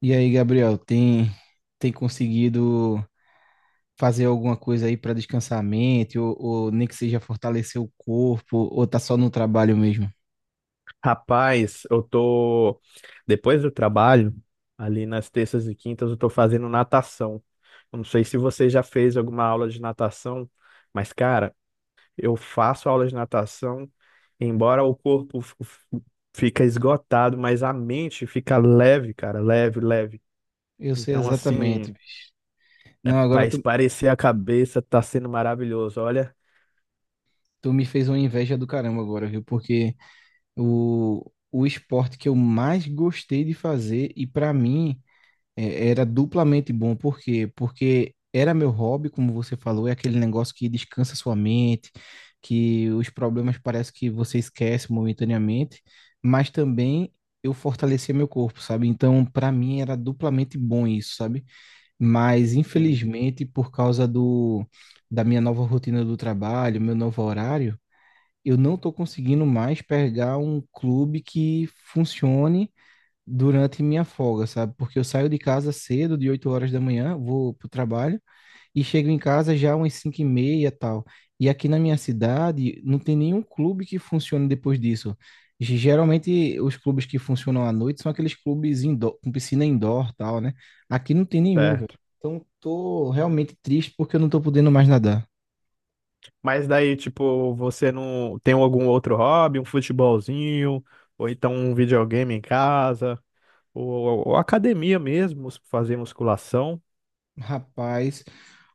E aí, Gabriel, tem conseguido fazer alguma coisa aí para descansar a mente, ou nem que seja fortalecer o corpo, ou tá só no trabalho mesmo? Rapaz, eu tô. Depois do trabalho, ali nas terças e quintas, eu tô fazendo natação. Eu não sei se você já fez alguma aula de natação, mas, cara, eu faço aula de natação, embora o corpo fica esgotado, mas a mente fica leve, cara, leve, leve. Eu sei Então, assim, exatamente, bicho. Não, para agora tu, espairecer a cabeça, tá sendo maravilhoso. Olha, Tu me fez uma inveja do caramba agora, viu? Porque o esporte que eu mais gostei de fazer, e para mim era duplamente bom, por quê? Porque era meu hobby, como você falou, é aquele negócio que descansa sua mente, que os problemas parece que você esquece momentaneamente, mas também eu fortalecia meu corpo, sabe? Então, para mim era duplamente bom isso, sabe? Mas sim, infelizmente, por causa do da minha nova rotina do trabalho, meu novo horário, eu não tô conseguindo mais pegar um clube que funcione durante minha folga, sabe? Porque eu saio de casa cedo, de 8 horas da manhã, vou pro trabalho e chego em casa já umas 5h30 e tal. E aqui na minha cidade não tem nenhum clube que funcione depois disso. Geralmente os clubes que funcionam à noite são aqueles clubes indoor, com piscina indoor tal, né? Aqui não tem nenhum, velho. certo. Então tô realmente triste porque eu não tô podendo mais nadar. Mas daí, tipo, você não tem algum outro hobby, um futebolzinho, ou então um videogame em casa, ou academia mesmo, fazer musculação. Rapaz,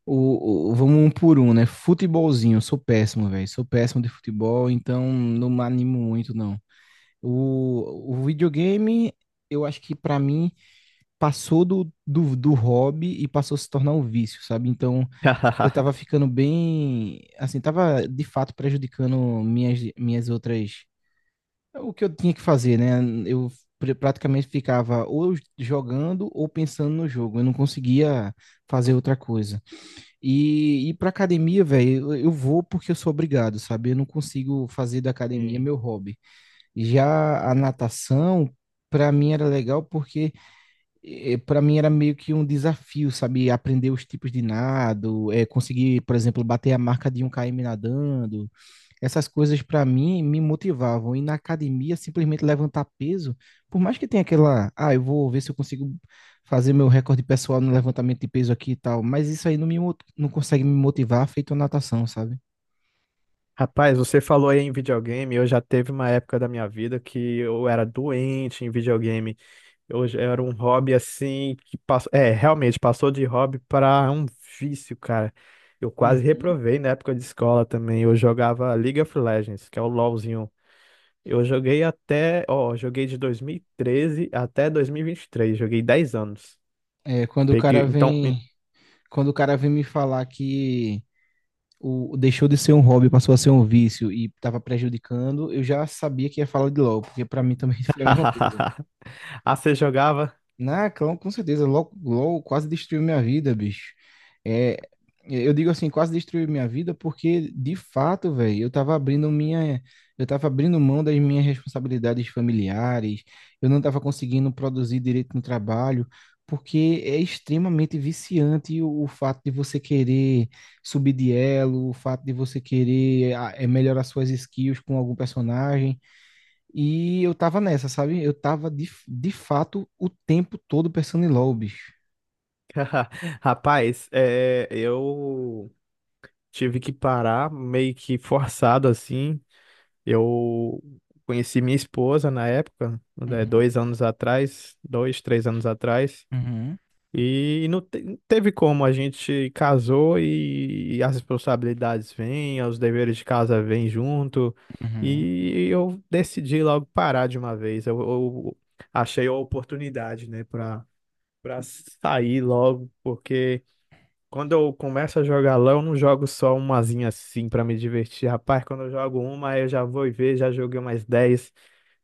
vamos um por um, né? Futebolzinho, eu sou péssimo, velho. Sou péssimo de futebol, então não me animo muito, não. O videogame, eu acho que pra mim passou do hobby e passou a se tornar um vício, sabe? Então eu tava ficando bem, assim, tava de fato prejudicando minhas, minhas outras, o que eu tinha que fazer, né? Eu praticamente ficava ou jogando ou pensando no jogo, eu não conseguia fazer outra coisa. E pra academia, velho, eu vou porque eu sou obrigado, sabe? Eu não consigo fazer da academia Sim. meu hobby. Já a natação, para mim era legal porque para mim era meio que um desafio, sabe? Aprender os tipos de nado, conseguir, por exemplo, bater a marca de 1 km nadando. Essas coisas para mim me motivavam. E na academia, simplesmente levantar peso, por mais que tenha aquela, ah, eu vou ver se eu consigo fazer meu recorde pessoal no levantamento de peso aqui e tal, mas isso aí não me, não consegue me motivar feito a natação, sabe? Rapaz, você falou aí em videogame, eu já teve uma época da minha vida que eu era doente em videogame. Eu já era um hobby assim que passou, é, realmente passou de hobby para um vício, cara. Eu quase Uhum. reprovei na época de escola também. Eu jogava League of Legends, que é o LoLzinho. Eu joguei até, ó, joguei de 2013 até dois mil e vinte e três, joguei 10 anos. É, quando o Peguei, cara então. vem, Quando o cara vem me falar que o, deixou de ser um hobby, passou a ser um vício e estava prejudicando, eu já sabia que ia falar de LOL, porque para mim também foi a mesma coisa. Ah, você jogava? Com certeza, LOL quase destruiu minha vida, bicho. É, eu digo assim, quase destruiu minha vida porque, de fato, velho, eu tava abrindo mão das minhas responsabilidades familiares, eu não tava conseguindo produzir direito no trabalho, porque é extremamente viciante o fato de você querer subir de elo, o fato de você querer ah, melhorar suas skills com algum personagem. E eu tava nessa, sabe? Eu tava de fato o tempo todo pensando em LOL, bicho. Rapaz, é, eu tive que parar meio que forçado assim. Eu conheci minha esposa na época, né, 2 anos atrás, dois, 3 anos atrás. Uhum, uhum, E não teve como, a gente casou e as responsabilidades vêm, os deveres de casa vêm junto, uhum. e eu decidi logo parar de uma vez. Eu achei a oportunidade, né, para sair logo, porque quando eu começo a jogar LoL, eu não jogo só umazinha assim para me divertir. Rapaz, quando eu jogo uma, aí eu já vou e ver, já joguei mais 10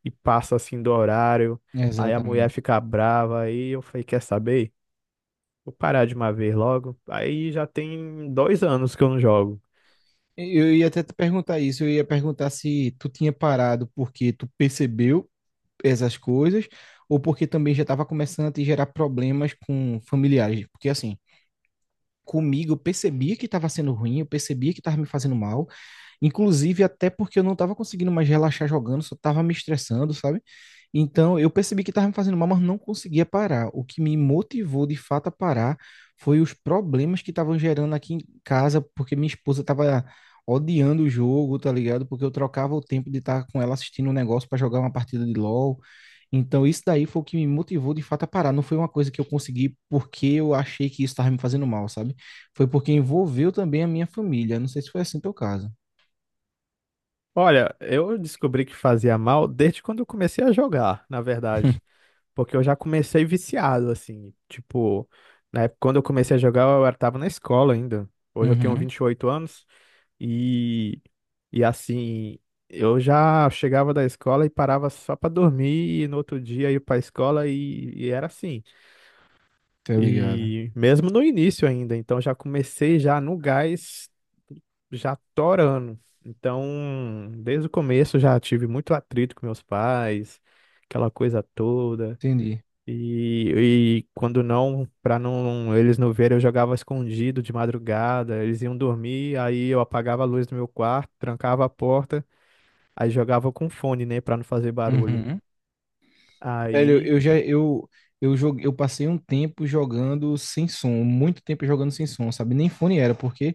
e passo assim do horário, aí a mulher Exatamente. fica brava, aí eu falei, quer saber? Vou parar de uma vez logo. Aí já tem 2 anos que eu não jogo. Eu ia até te perguntar isso, eu ia perguntar se tu tinha parado porque tu percebeu essas coisas ou porque também já estava começando a te gerar problemas com familiares. Porque assim, comigo eu percebia que estava sendo ruim, eu percebia que estava me fazendo mal. Inclusive, até porque eu não estava conseguindo mais relaxar jogando, só estava me estressando, sabe? Então, eu percebi que estava me fazendo mal, mas não conseguia parar. O que me motivou de fato a parar foi os problemas que estavam gerando aqui em casa, porque minha esposa estava odiando o jogo, tá ligado? Porque eu trocava o tempo de estar com ela assistindo um negócio para jogar uma partida de LoL. Então, isso daí foi o que me motivou de fato a parar. Não foi uma coisa que eu consegui porque eu achei que isso estava me fazendo mal, sabe? Foi porque envolveu também a minha família. Não sei se foi assim teu caso. Olha, eu descobri que fazia mal desde quando eu comecei a jogar, na verdade. Porque eu já comecei viciado, assim. Tipo, na época, quando eu comecei a jogar, tava na escola ainda. Hoje eu tenho Uhum, 28 anos e, e assim, eu já chegava da escola e parava só pra dormir e no outro dia ia pra escola e era assim. tá ligado? E mesmo no início ainda, então já comecei já no gás, já torando. Então, desde o começo já tive muito atrito com meus pais, aquela coisa toda. Entendi. E quando não, para não eles não verem, eu jogava escondido de madrugada, eles iam dormir, aí eu apagava a luz do meu quarto, trancava a porta, aí jogava com fone, né, para não fazer barulho. Uhum. Velho, Aí eu joguei, eu passei um tempo jogando sem som, muito tempo jogando sem som, sabe? Nem fone era, porque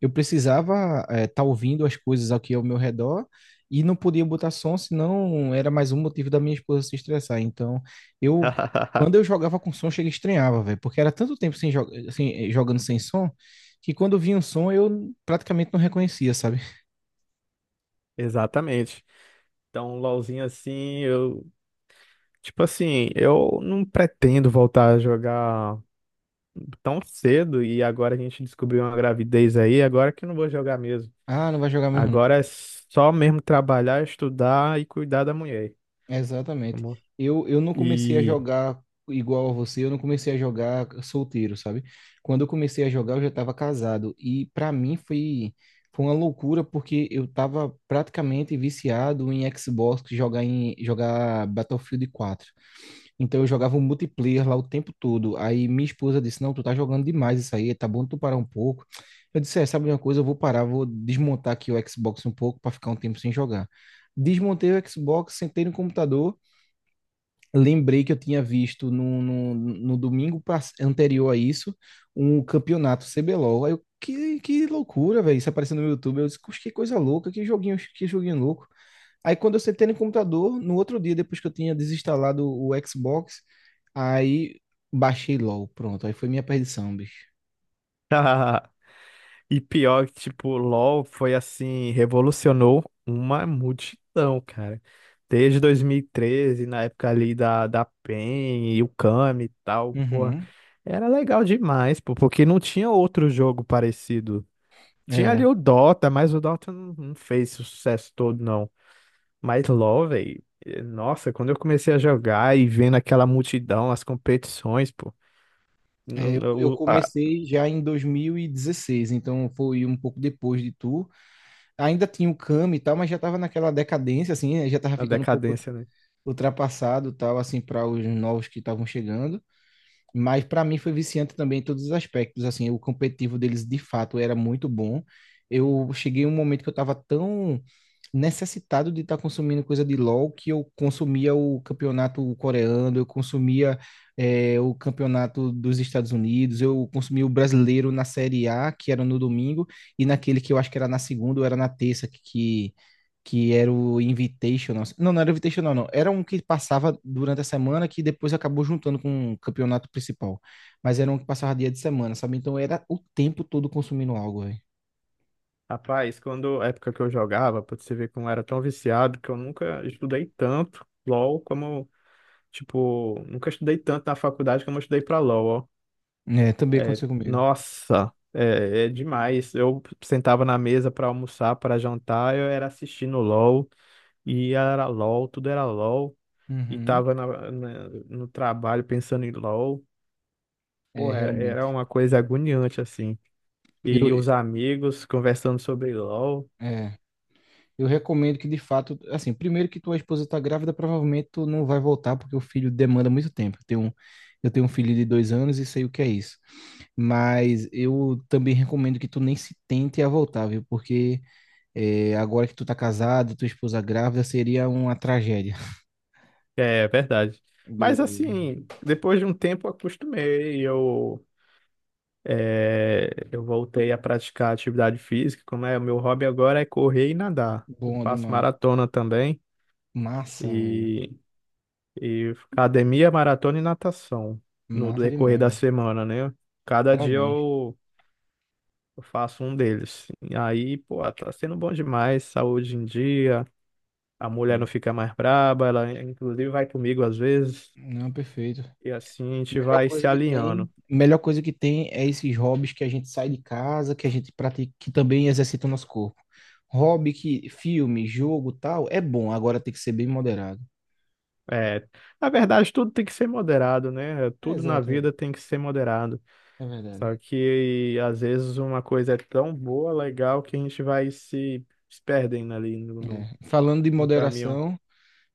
eu precisava estar ouvindo as coisas aqui ao meu redor e não podia botar som, senão era mais um motivo da minha esposa se estressar. Então, eu quando eu jogava com som, chega e estranhava, velho, porque era tanto tempo sem, jo sem eh, jogando sem som que quando vinha um som eu praticamente não reconhecia, sabe? Exatamente. Então, um LOLzinho assim, eu Tipo assim, eu não pretendo voltar a jogar tão cedo e agora a gente descobriu uma gravidez aí, agora que eu não vou jogar mesmo. Ah, não vai jogar mesmo. Agora é só mesmo trabalhar, estudar e cuidar da mulher. Exatamente. Amor. Eu não comecei a E jogar igual a você, eu não comecei a jogar solteiro, sabe? Quando eu comecei a jogar, eu já estava casado. E para mim foi uma loucura, porque eu estava praticamente viciado em Xbox, jogar Battlefield 4. Então eu jogava o multiplayer lá o tempo todo. Aí minha esposa disse: Não, tu tá jogando demais isso aí, tá bom tu parar um pouco. Eu disse: É, sabe de uma coisa, eu vou parar, vou desmontar aqui o Xbox um pouco para ficar um tempo sem jogar. Desmontei o Xbox, sentei no computador, lembrei que eu tinha visto no domingo anterior a isso um campeonato CBLOL. Aí eu, que loucura, velho. Isso apareceu no YouTube. Eu disse: "Puxa, que coisa louca, que joguinho louco." Aí quando eu sentei no computador, no outro dia, depois que eu tinha desinstalado o Xbox, aí baixei LOL. Pronto, aí foi minha perdição, bicho. e pior que tipo, LoL foi assim, revolucionou uma multidão, cara. Desde 2013, na época ali da PEN e o Kami e tal, porra. Uhum. Era legal demais, pô, porque não tinha outro jogo parecido. Tinha ali Era. o Dota, mas o Dota não fez esse sucesso todo, não. Mas LoL, velho, nossa, quando eu comecei a jogar e vendo aquela multidão, as competições, pô, n- n- Eu o- a, comecei já em 2016, então foi um pouco depois de tu. Ainda tinha o Kami e tal, mas já tava naquela decadência, assim, né? Já tava a ficando um pouco decadência, né? ultrapassado tal, assim, para os novos que estavam chegando. Mas para mim foi viciante também em todos os aspectos. Assim, o competitivo deles de fato era muito bom. Eu cheguei a um momento que eu estava tão necessitado de estar tá consumindo coisa de LoL que eu consumia o campeonato coreano, eu consumia o campeonato dos Estados Unidos, eu consumia o brasileiro na Série A, que era no domingo, e naquele que eu acho que era na segunda ou era na terça, que era o Invitational. Não, não era o Invitational, não. Era um que passava durante a semana que depois acabou juntando com o campeonato principal. Mas era um que passava dia de semana, sabe? Então era o tempo todo consumindo algo, velho. Rapaz, quando a época que eu jogava, pra você ver como eu era tão viciado, que eu nunca estudei tanto LoL como, tipo, nunca estudei tanto na faculdade como eu estudei pra LoL, ó. É, também É, aconteceu comigo. nossa, é demais. Eu sentava na mesa pra almoçar, pra jantar, eu era assistindo LoL. E era LOL, tudo era LOL. E Uhum. tava no trabalho pensando em LOL. É, Pô, era realmente. uma coisa agoniante, assim. Eu, E os amigos conversando sobre LOL. é, eu recomendo que, de fato, assim, primeiro que tua esposa tá grávida, provavelmente tu não vai voltar, porque o filho demanda muito tempo. Eu tenho um filho de 2 anos e sei o que é isso. Mas eu também recomendo que tu nem se tente a voltar, viu? Porque é, agora que tu tá casado, tua esposa grávida, seria uma tragédia. É verdade. Mas, Beleza. assim, depois de um tempo eu acostumei. Eu voltei a praticar atividade física. Como é, o meu hobby agora é correr e nadar. Eu Bom faço demais. maratona também. Massa, velho. e E academia, maratona e natação no Massa decorrer demais, da velho. semana, né? Cada dia Parabéns. eu faço um deles. E aí, pô, tá sendo bom demais, saúde em dia, a mulher não É. fica mais braba, ela inclusive vai comigo às vezes, Não, perfeito. e assim a gente Melhor vai se coisa que alinhando. tem, melhor coisa que tem é esses hobbies que a gente sai de casa, que a gente pratica, que também exercita o nosso corpo. Hobby que filme, jogo, tal, é bom, agora tem que ser bem moderado. É, na verdade, tudo tem que ser moderado, né? É, Tudo na Exato, é, vida tem que ser moderado. é verdade. Só que às vezes uma coisa é tão boa, legal, que a gente vai se perdendo ali no, no É. No caminho.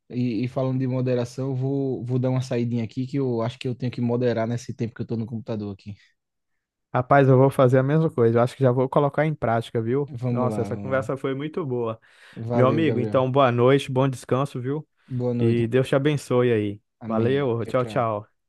E, e falando de moderação, vou dar uma saidinha aqui que eu acho que eu tenho que moderar nesse tempo que eu tô no computador aqui. Rapaz, eu vou fazer a mesma coisa. Eu acho que já vou colocar em prática, viu? Vamos Nossa, lá, essa vamos lá. conversa foi muito boa. Meu Valeu, amigo, Gabriel. então boa noite, bom descanso, viu? Boa E noite. Deus te abençoe aí. Amém. Valeu, Tchau, tchau, tchau. tchau.